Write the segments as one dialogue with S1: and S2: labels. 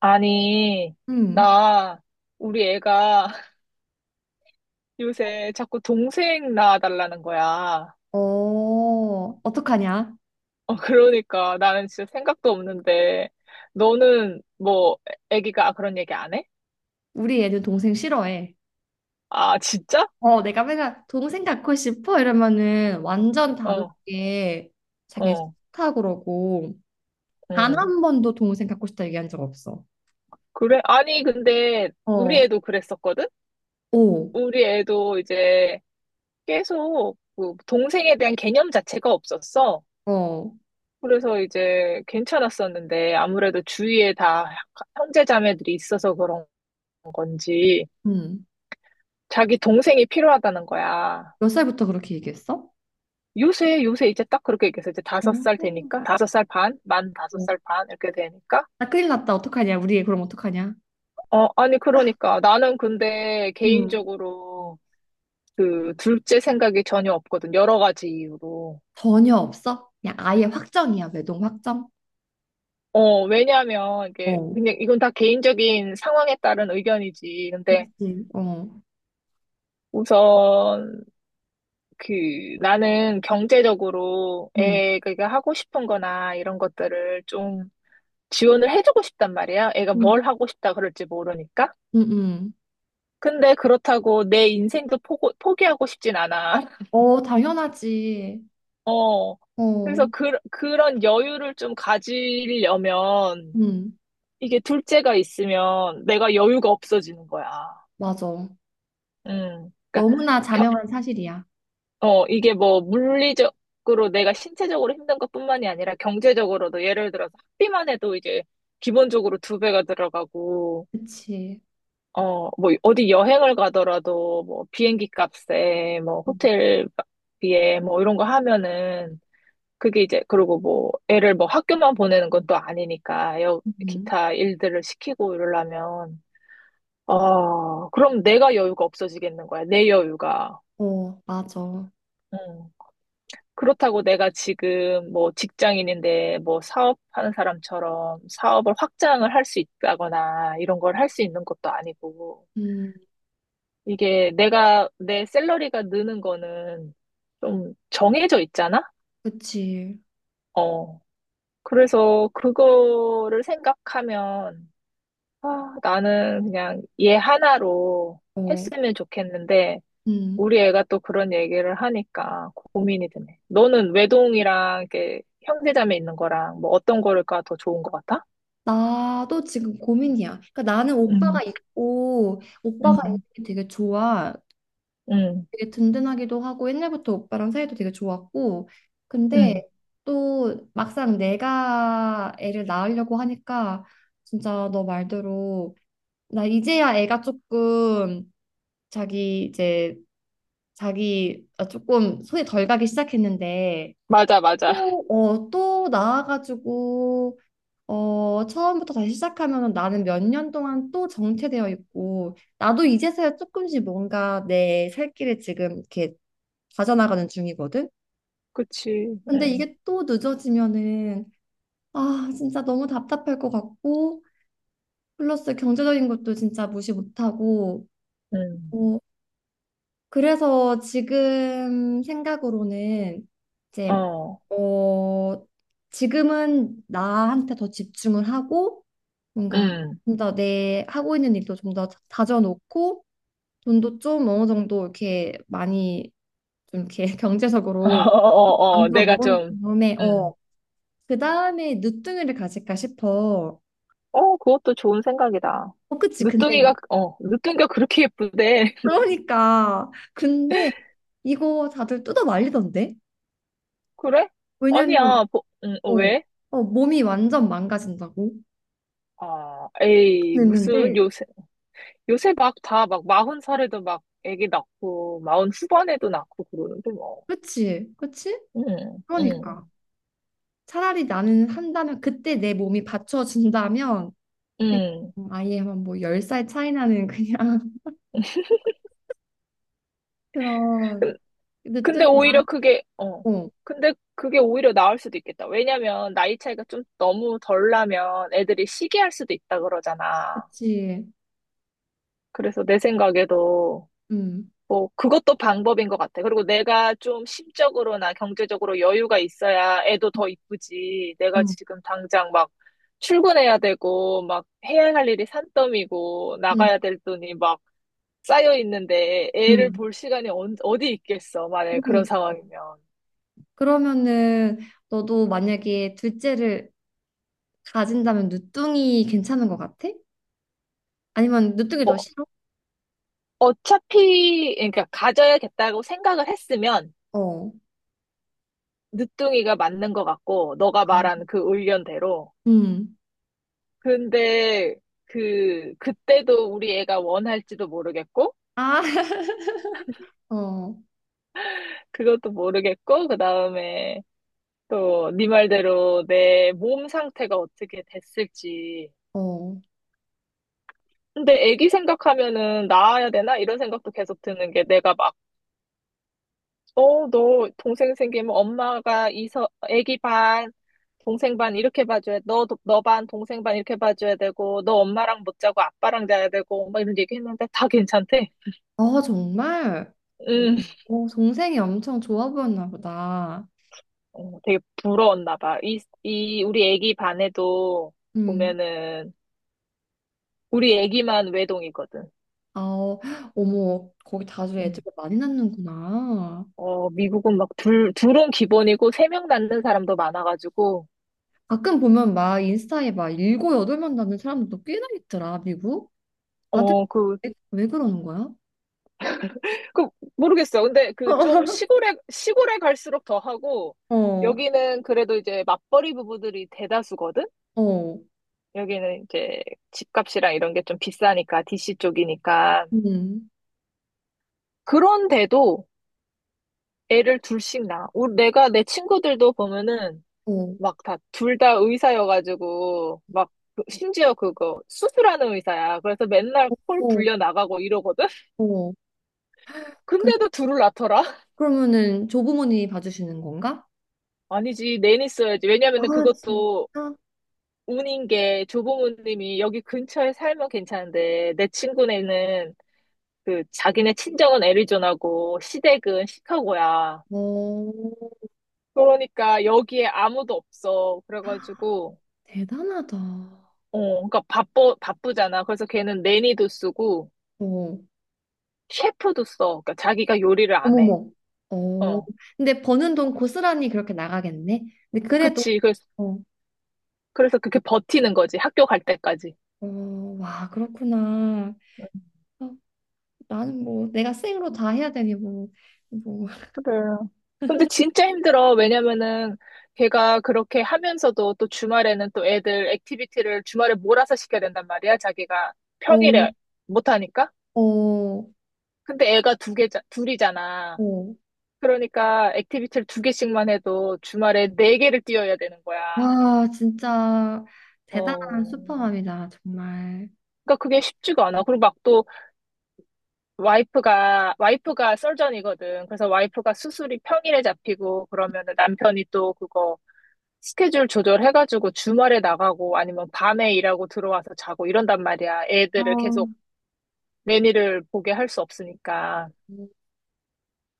S1: 아니,
S2: 응.
S1: 나, 우리 애가 요새 자꾸 동생 낳아달라는 거야.
S2: 어, 어떡하냐?
S1: 어, 그러니까 나는 진짜 생각도 없는데, 너는 뭐, 애기가 그런 얘기 안 해?
S2: 우리 애는 동생 싫어해.
S1: 아, 진짜?
S2: 어, 내가 맨날 동생 갖고 싶어 이러면은 완전
S1: 어,
S2: 단호하게 자기는
S1: 어,
S2: 싫다 그러고 단
S1: 응.
S2: 한 번도 동생 갖고 싶다 얘기한 적 없어.
S1: 그래? 아니, 근데 우리
S2: 어,
S1: 애도 그랬었거든?
S2: 오,
S1: 우리 애도 이제 계속 그 동생에 대한 개념 자체가 없었어.
S2: 어,
S1: 그래서 이제 괜찮았었는데, 아무래도 주위에 다 형제자매들이 있어서 그런 건지
S2: 응.
S1: 자기 동생이 필요하다는 거야.
S2: 몇 살부터 그렇게 얘기했어?
S1: 요새 이제 딱 그렇게 얘기해서 이제 다섯 살
S2: 오.
S1: 되니까 다섯 살 반, 만 다섯
S2: 어.
S1: 살 반 이렇게 되니까
S2: 나 큰일 났다. 어떡하냐? 우리 애 그럼 어떡하냐?
S1: 어, 아니 그러니까 나는 근데
S2: 음
S1: 개인적으로 그 둘째 생각이 전혀 없거든, 여러 가지 이유로.
S2: 전혀 없어? 그냥 아예 확정이야. 매동 확정?
S1: 어, 왜냐하면 이게
S2: 어,
S1: 그냥 이건 다 개인적인 상황에 따른 의견이지. 근데
S2: 그치. 어,
S1: 우선 그 나는 경제적으로
S2: 음,
S1: 애가 하고 싶은 거나 이런 것들을 좀 지원을 해주고 싶단 말이야. 애가
S2: 음,
S1: 뭘 하고 싶다 그럴지 모르니까.
S2: 음.
S1: 근데 그렇다고 내 인생도 포기하고 싶진 않아.
S2: 어, 당연하지.
S1: 어. 그래서
S2: 어,
S1: 그런 여유를 좀 가지려면
S2: 음,
S1: 이게 둘째가 있으면 내가 여유가 없어지는 거야.
S2: 맞아.
S1: 음. 그러니까
S2: 너무나
S1: 겨-
S2: 자명한 사실이야.
S1: 어, 이게 뭐 물리적으로 내가 신체적으로 힘든 것뿐만이 아니라 경제적으로도 예를 들어서 학비만 해도 이제 기본적으로 두 배가 들어가고,
S2: 그치.
S1: 어, 뭐, 어디 여행을 가더라도, 뭐, 비행기 값에, 뭐,
S2: 음,
S1: 호텔비에, 뭐, 이런 거 하면은, 그게 이제, 그리고 뭐, 애를 뭐 학교만 보내는 건 또 아니니까, 여,
S2: 음.
S1: 기타 일들을 시키고 이러려면, 어, 그럼 내가 여유가 없어지겠는 거야, 내 여유가.
S2: 어, 맞아.
S1: 음. 그렇다고 내가 지금 뭐 직장인인데 뭐 사업하는 사람처럼 사업을 확장을 할 수 있다거나 이런 걸 할 수 있는 것도 아니고,
S2: 음,
S1: 내 샐러리가 느는 거는 좀 정해져 있잖아?
S2: 그치.
S1: 어. 그래서 그거를 생각하면, 아, 나는 그냥 얘 하나로
S2: 어,
S1: 했으면 좋겠는데,
S2: 음.
S1: 우리 애가 또 그런 얘기를 하니까 고민이 되네. 너는 외동이랑 이렇게 형제자매 있는 거랑 뭐 어떤 거가 더 좋은 것 같아?
S2: 나도 지금 고민이야. 그러니까 나는
S1: 응,
S2: 오빠가 있고, 오빠가 있는
S1: 응,
S2: 게 되게 좋아.
S1: 응,
S2: 되게 든든하기도 하고, 옛날부터 오빠랑 사이도 되게 좋았고.
S1: 응,
S2: 근데 또 막상 내가 애를 낳으려고 하니까, 진짜 너 말대로 나 이제야 애가 조금 자기 이제 자기 아, 조금 손이 덜 가기 시작했는데
S1: 맞아, 맞아.
S2: 또, 어, 또 나와가지고 어, 처음부터 다시 시작하면 나는 몇 년 동안 또 정체되어 있고 나도 이제서야 조금씩 뭔가 내 살 길을 지금 이렇게 가져나가는 중이거든.
S1: 그치.
S2: 근데
S1: 응,
S2: 이게 또 늦어지면은 아 진짜 너무 답답할 것 같고 플러스 경제적인 것도 진짜 무시 못하고
S1: 응,
S2: 어, 그래서 지금 생각으로는 이제
S1: 어,
S2: 어 지금은 나한테 더 집중을 하고 뭔가
S1: 응,
S2: 좀 더 내 하고 있는 일도 좀 더 다져놓고 돈도 좀 어느 정도 이렇게 많이 좀 이렇게
S1: 어,
S2: 경제적으로
S1: 어, 어,
S2: 만들어
S1: 내가
S2: 놓은
S1: 좀,
S2: 다음에
S1: 음,
S2: 어 그다음에 늦둥이를 가질까 싶어.
S1: 어, 그것도 좋은 생각이다.
S2: 어 그치 근데
S1: 늦둥이가, 어, 늦둥이가 그렇게 예쁘대.
S2: 그러니까 근데 이거 다들 뜯어 말리던데?
S1: 그래?
S2: 왜냐면
S1: 아니야, 보, 어,
S2: 어,
S1: 왜?
S2: 어, 몸이 완전 망가진다고
S1: 아, 에이, 무슨
S2: 했는데,
S1: 요새, 요새 막 다 막 마흔 살에도 막 애기 낳고, 마흔 후반에도 낳고 그러는데 뭐.
S2: 그치, 그치?
S1: 음,
S2: 그러니까
S1: 음,
S2: 차라리 나는 한다면 그때 내 몸이 받쳐준다면
S1: 음.
S2: 그냥 아예 한뭐 10살 차이 나는 그냥 그런
S1: 근- 근데
S2: 늦둥이
S1: 오히려 그게, 어,
S2: 나고
S1: 근데 그게 오히려 나을 수도 있겠다. 왜냐면 나이 차이가 좀 너무 덜 나면 애들이 시기할 수도 있다 그러잖아.
S2: 그치
S1: 그래서 내 생각에도
S2: 음,
S1: 뭐 그것도 방법인 것 같아. 그리고 내가 좀 심적으로나 경제적으로 여유가 있어야 애도 더 이쁘지. 내가
S2: 음,
S1: 지금 당장 막 출근해야 되고 막 해야 할 일이 산더미고
S2: 음,
S1: 나가야 될 돈이 막 쌓여 있는데 애를
S2: 음.
S1: 볼 시간이 어디 있겠어, 만약에 그런
S2: 그럼,
S1: 상황이면.
S2: 그러면은 너도 만약에 둘째를 가진다면 늦둥이 괜찮은 것 같아? 아니면 늦둥이 더 싫어?
S1: 어차피 그러니까 가져야겠다고 생각을 했으면
S2: 어,
S1: 늦둥이가 맞는 것 같고, 너가 말한 그 의견대로.
S2: 음.
S1: 근데 그 그때도 우리 애가 원할지도 모르겠고,
S2: 아, 어,
S1: 그것도 모르겠고, 그다음에 또 네 말대로 내 몸 상태가 어떻게 됐을지.
S2: 어.
S1: 근데 애기 생각하면은 낳아야 되나 이런 생각도 계속 드는 게, 내가 막 어 너 동생 생기면 엄마가 이서 애기 반 동생 반 이렇게 봐줘야, 너 반 동생 반 이렇게 봐줘야 되고, 너 엄마랑 못 자고 아빠랑 자야 되고 막 이런 얘기 했는데 다 괜찮대.
S2: 아, 정말?
S1: 음.
S2: 어 동생이 엄청 좋아 보였나 보다.
S1: 어, 되게 부러웠나 봐. 우리 애기 반에도
S2: 음.
S1: 보면은, 우리 애기만 외동이거든.
S2: 아, 어, 어머, 거기 다들 애들
S1: 응.
S2: 많이 낳는구나.
S1: 어, 미국은 막 둘은 기본이고, 세 명 낳는 사람도 많아가지고,
S2: 가끔 보면 막 인스타에 막 7, 8명 낳는 사람들도 꽤나 있더라, 미국. 다들
S1: 어,
S2: 왜 그러는 거야?
S1: 그, 모르겠어. 근데 그 좀 시골에 갈수록 더 하고,
S2: 어,
S1: 여기는 그래도 이제 맞벌이 부부들이 대다수거든?
S2: 어,
S1: 여기는 이제 집값이랑 이런 게 좀 비싸니까, DC 쪽이니까.
S2: 음,
S1: 그런데도 애를 둘씩 낳아. 내가, 내 친구들도 보면은,
S2: 어,
S1: 막 다 둘 다 의사여가지고 막 심지어 그거 수술하는 의사야. 그래서 맨날 콜
S2: 어,
S1: 불려 나가고 이러거든.
S2: 어. 그,
S1: 근데도 둘을 낳더라.
S2: 그러면은 조부모님이 봐주시는 건가?
S1: 아니지, 내니 써야지.
S2: 아,
S1: 왜냐면은 그것도
S2: 진짜?
S1: 운인 게, 조부모님이 여기 근처에 살면 괜찮은데 내 친구네는 그 자기네 친정은 애리조나고 시댁은 시카고야.
S2: 어,
S1: 그러니까 여기에 아무도 없어. 그래가지고
S2: 대단하다.
S1: 어, 그러니까 바빠, 바쁘잖아. 그래서 걔는 내니도 쓰고,
S2: 어,
S1: 셰프도 써. 그러니까 자기가 요리를 안 해.
S2: 어머머. 어,
S1: 어,
S2: 근데 버는 돈 고스란히 그렇게 나가겠네. 근데 그래도,
S1: 그치. 그래서,
S2: 어,
S1: 그래서 그렇게 버티는 거지, 학교 갈 때까지.
S2: 어, 와, 그렇구나. 어, 나는 뭐, 내가 생으로 다 해야 되니, 뭐, 뭐,
S1: 그래. 근데 진짜 힘들어. 왜냐면은 걔가 그렇게 하면서도 또 주말에는 또 애들 액티비티를 주말에 몰아서 시켜야 된단 말이야, 자기가
S2: 어,
S1: 평일에 못하니까.
S2: 어,
S1: 근데 애가 두 개, 둘이잖아.
S2: 어.
S1: 그러니까 액티비티를 두 개씩만 해도 주말에 네 개를 뛰어야 되는 거야.
S2: 와, 진짜 대단한
S1: 어.
S2: 슈퍼맘이다, 정말.
S1: 그러니까 그게 쉽지가 않아. 그리고 막또 와이프가 썰전이거든. 그래서 와이프가 수술이 평일에 잡히고 그러면은 남편이 또 그거 스케줄 조절해가지고 주말에 나가고 아니면 밤에 일하고 들어와서 자고 이런단 말이야.
S2: 아,
S1: 애들을
S2: 어,
S1: 계속 매니를 보게 할 수 없으니까.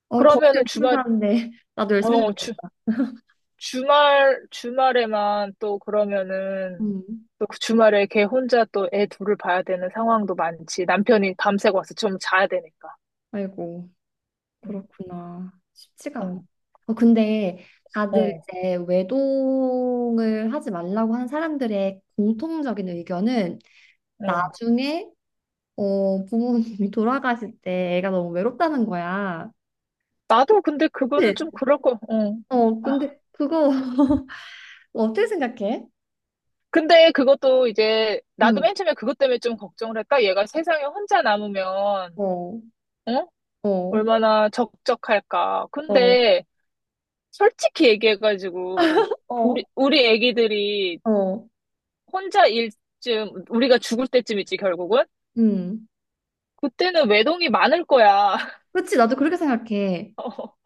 S2: 거기서
S1: 그러면은
S2: 열심히 사는데, 나도 열심히
S1: 어, 주,
S2: 살겠다.
S1: 주말에만 또 그러면은
S2: 음,
S1: 또 그 주말에 걔 혼자 또 애 둘을 봐야 되는 상황도 많지, 남편이 밤새고 와서 좀 자야 되니까.
S2: 아이고.
S1: 응,
S2: 그렇구나. 쉽지가 않아.
S1: 어,
S2: 어, 근데 다들
S1: 어,
S2: 이제 외동을 하지 말라고 하는 사람들의 공통적인 의견은
S1: 어.
S2: 나중에 어, 부모님이 돌아가실 때 애가 너무 외롭다는 거야.
S1: 나도 근데 그거는
S2: 그치?
S1: 좀 그럴 거, 어.
S2: 어,
S1: 아,
S2: 근데 그거 어떻게 생각해?
S1: 근데 그것도 이제, 나도
S2: 음.
S1: 맨 처음에 그것 때문에 좀 걱정을 했다. 얘가 세상에 혼자 남으면,
S2: 어,
S1: 어?
S2: 어,
S1: 얼마나 적적할까.
S2: 어,
S1: 근데, 솔직히 얘기해가지고,
S2: 어,
S1: 우리 애기들이
S2: 어,
S1: 혼자 일쯤, 우리가 죽을 때쯤 있지, 결국은?
S2: 음.
S1: 그때는 외동이 많을 거야.
S2: 그렇지, 나도 그렇게 생각해.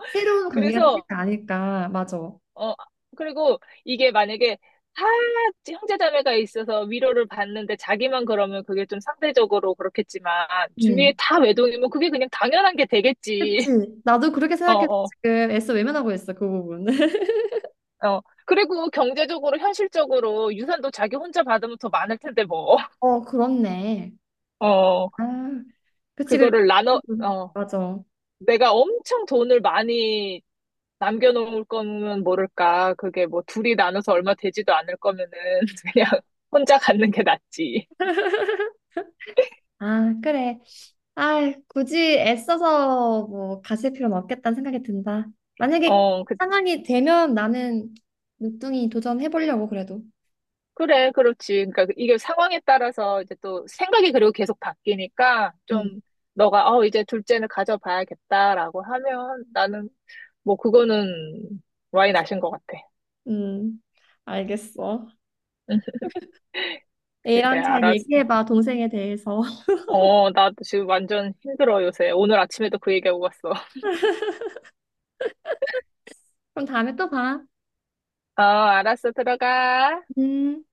S2: 새로운 관계가 생길
S1: 그래서,
S2: 거 아닐까, 맞아.
S1: 어, 그리고 이게 만약에 다 형제자매가 있어서 위로를 받는데 자기만 그러면 그게 좀 상대적으로 그렇겠지만
S2: 응.
S1: 주위에 다 외동이면 그게 그냥 당연한 게 되겠지.
S2: 그치? 나도 그렇게
S1: 어,
S2: 생각해서
S1: 어,
S2: 지금 애써 외면하고 있어, 그 부분.
S1: 어. 그리고 경제적으로 현실적으로 유산도 자기 혼자 받으면 더 많을 텐데 뭐.
S2: 어, 그렇네.
S1: 어,
S2: 아, 그치, 그래.
S1: 그거를 나눠, 어,
S2: 맞아.
S1: 내가 엄청 돈을 많이 남겨놓을 거면 모를까. 그게 뭐 둘이 나눠서 얼마 되지도 않을 거면은 그냥 혼자 갖는 게 낫지.
S2: 아, 그래. 아, 굳이 애써서 뭐 가실 필요는 없겠다는 생각이 든다. 만약에
S1: 어,
S2: 상황이 되면 나는 늦둥이 도전해보려고 그래도.
S1: 그래, 그렇지. 그러니까 그 이게 상황에 따라서 이제 또 생각이, 그리고 계속 바뀌니까
S2: 음,
S1: 좀. 너가 어 이제 둘째는 가져봐야겠다라고 하면 나는 뭐 그거는 와인 아신 것 같아.
S2: 음, 알겠어.
S1: 응, 그래,
S2: A랑 잘
S1: 알았어.
S2: 얘기해봐, 동생에 대해서.
S1: 어, 나도 지금 완전 힘들어 요새. 오늘 아침에도 그 얘기하고 갔어.
S2: 그럼 다음에 또 봐.
S1: 어, 알았어, 들어가.
S2: 음.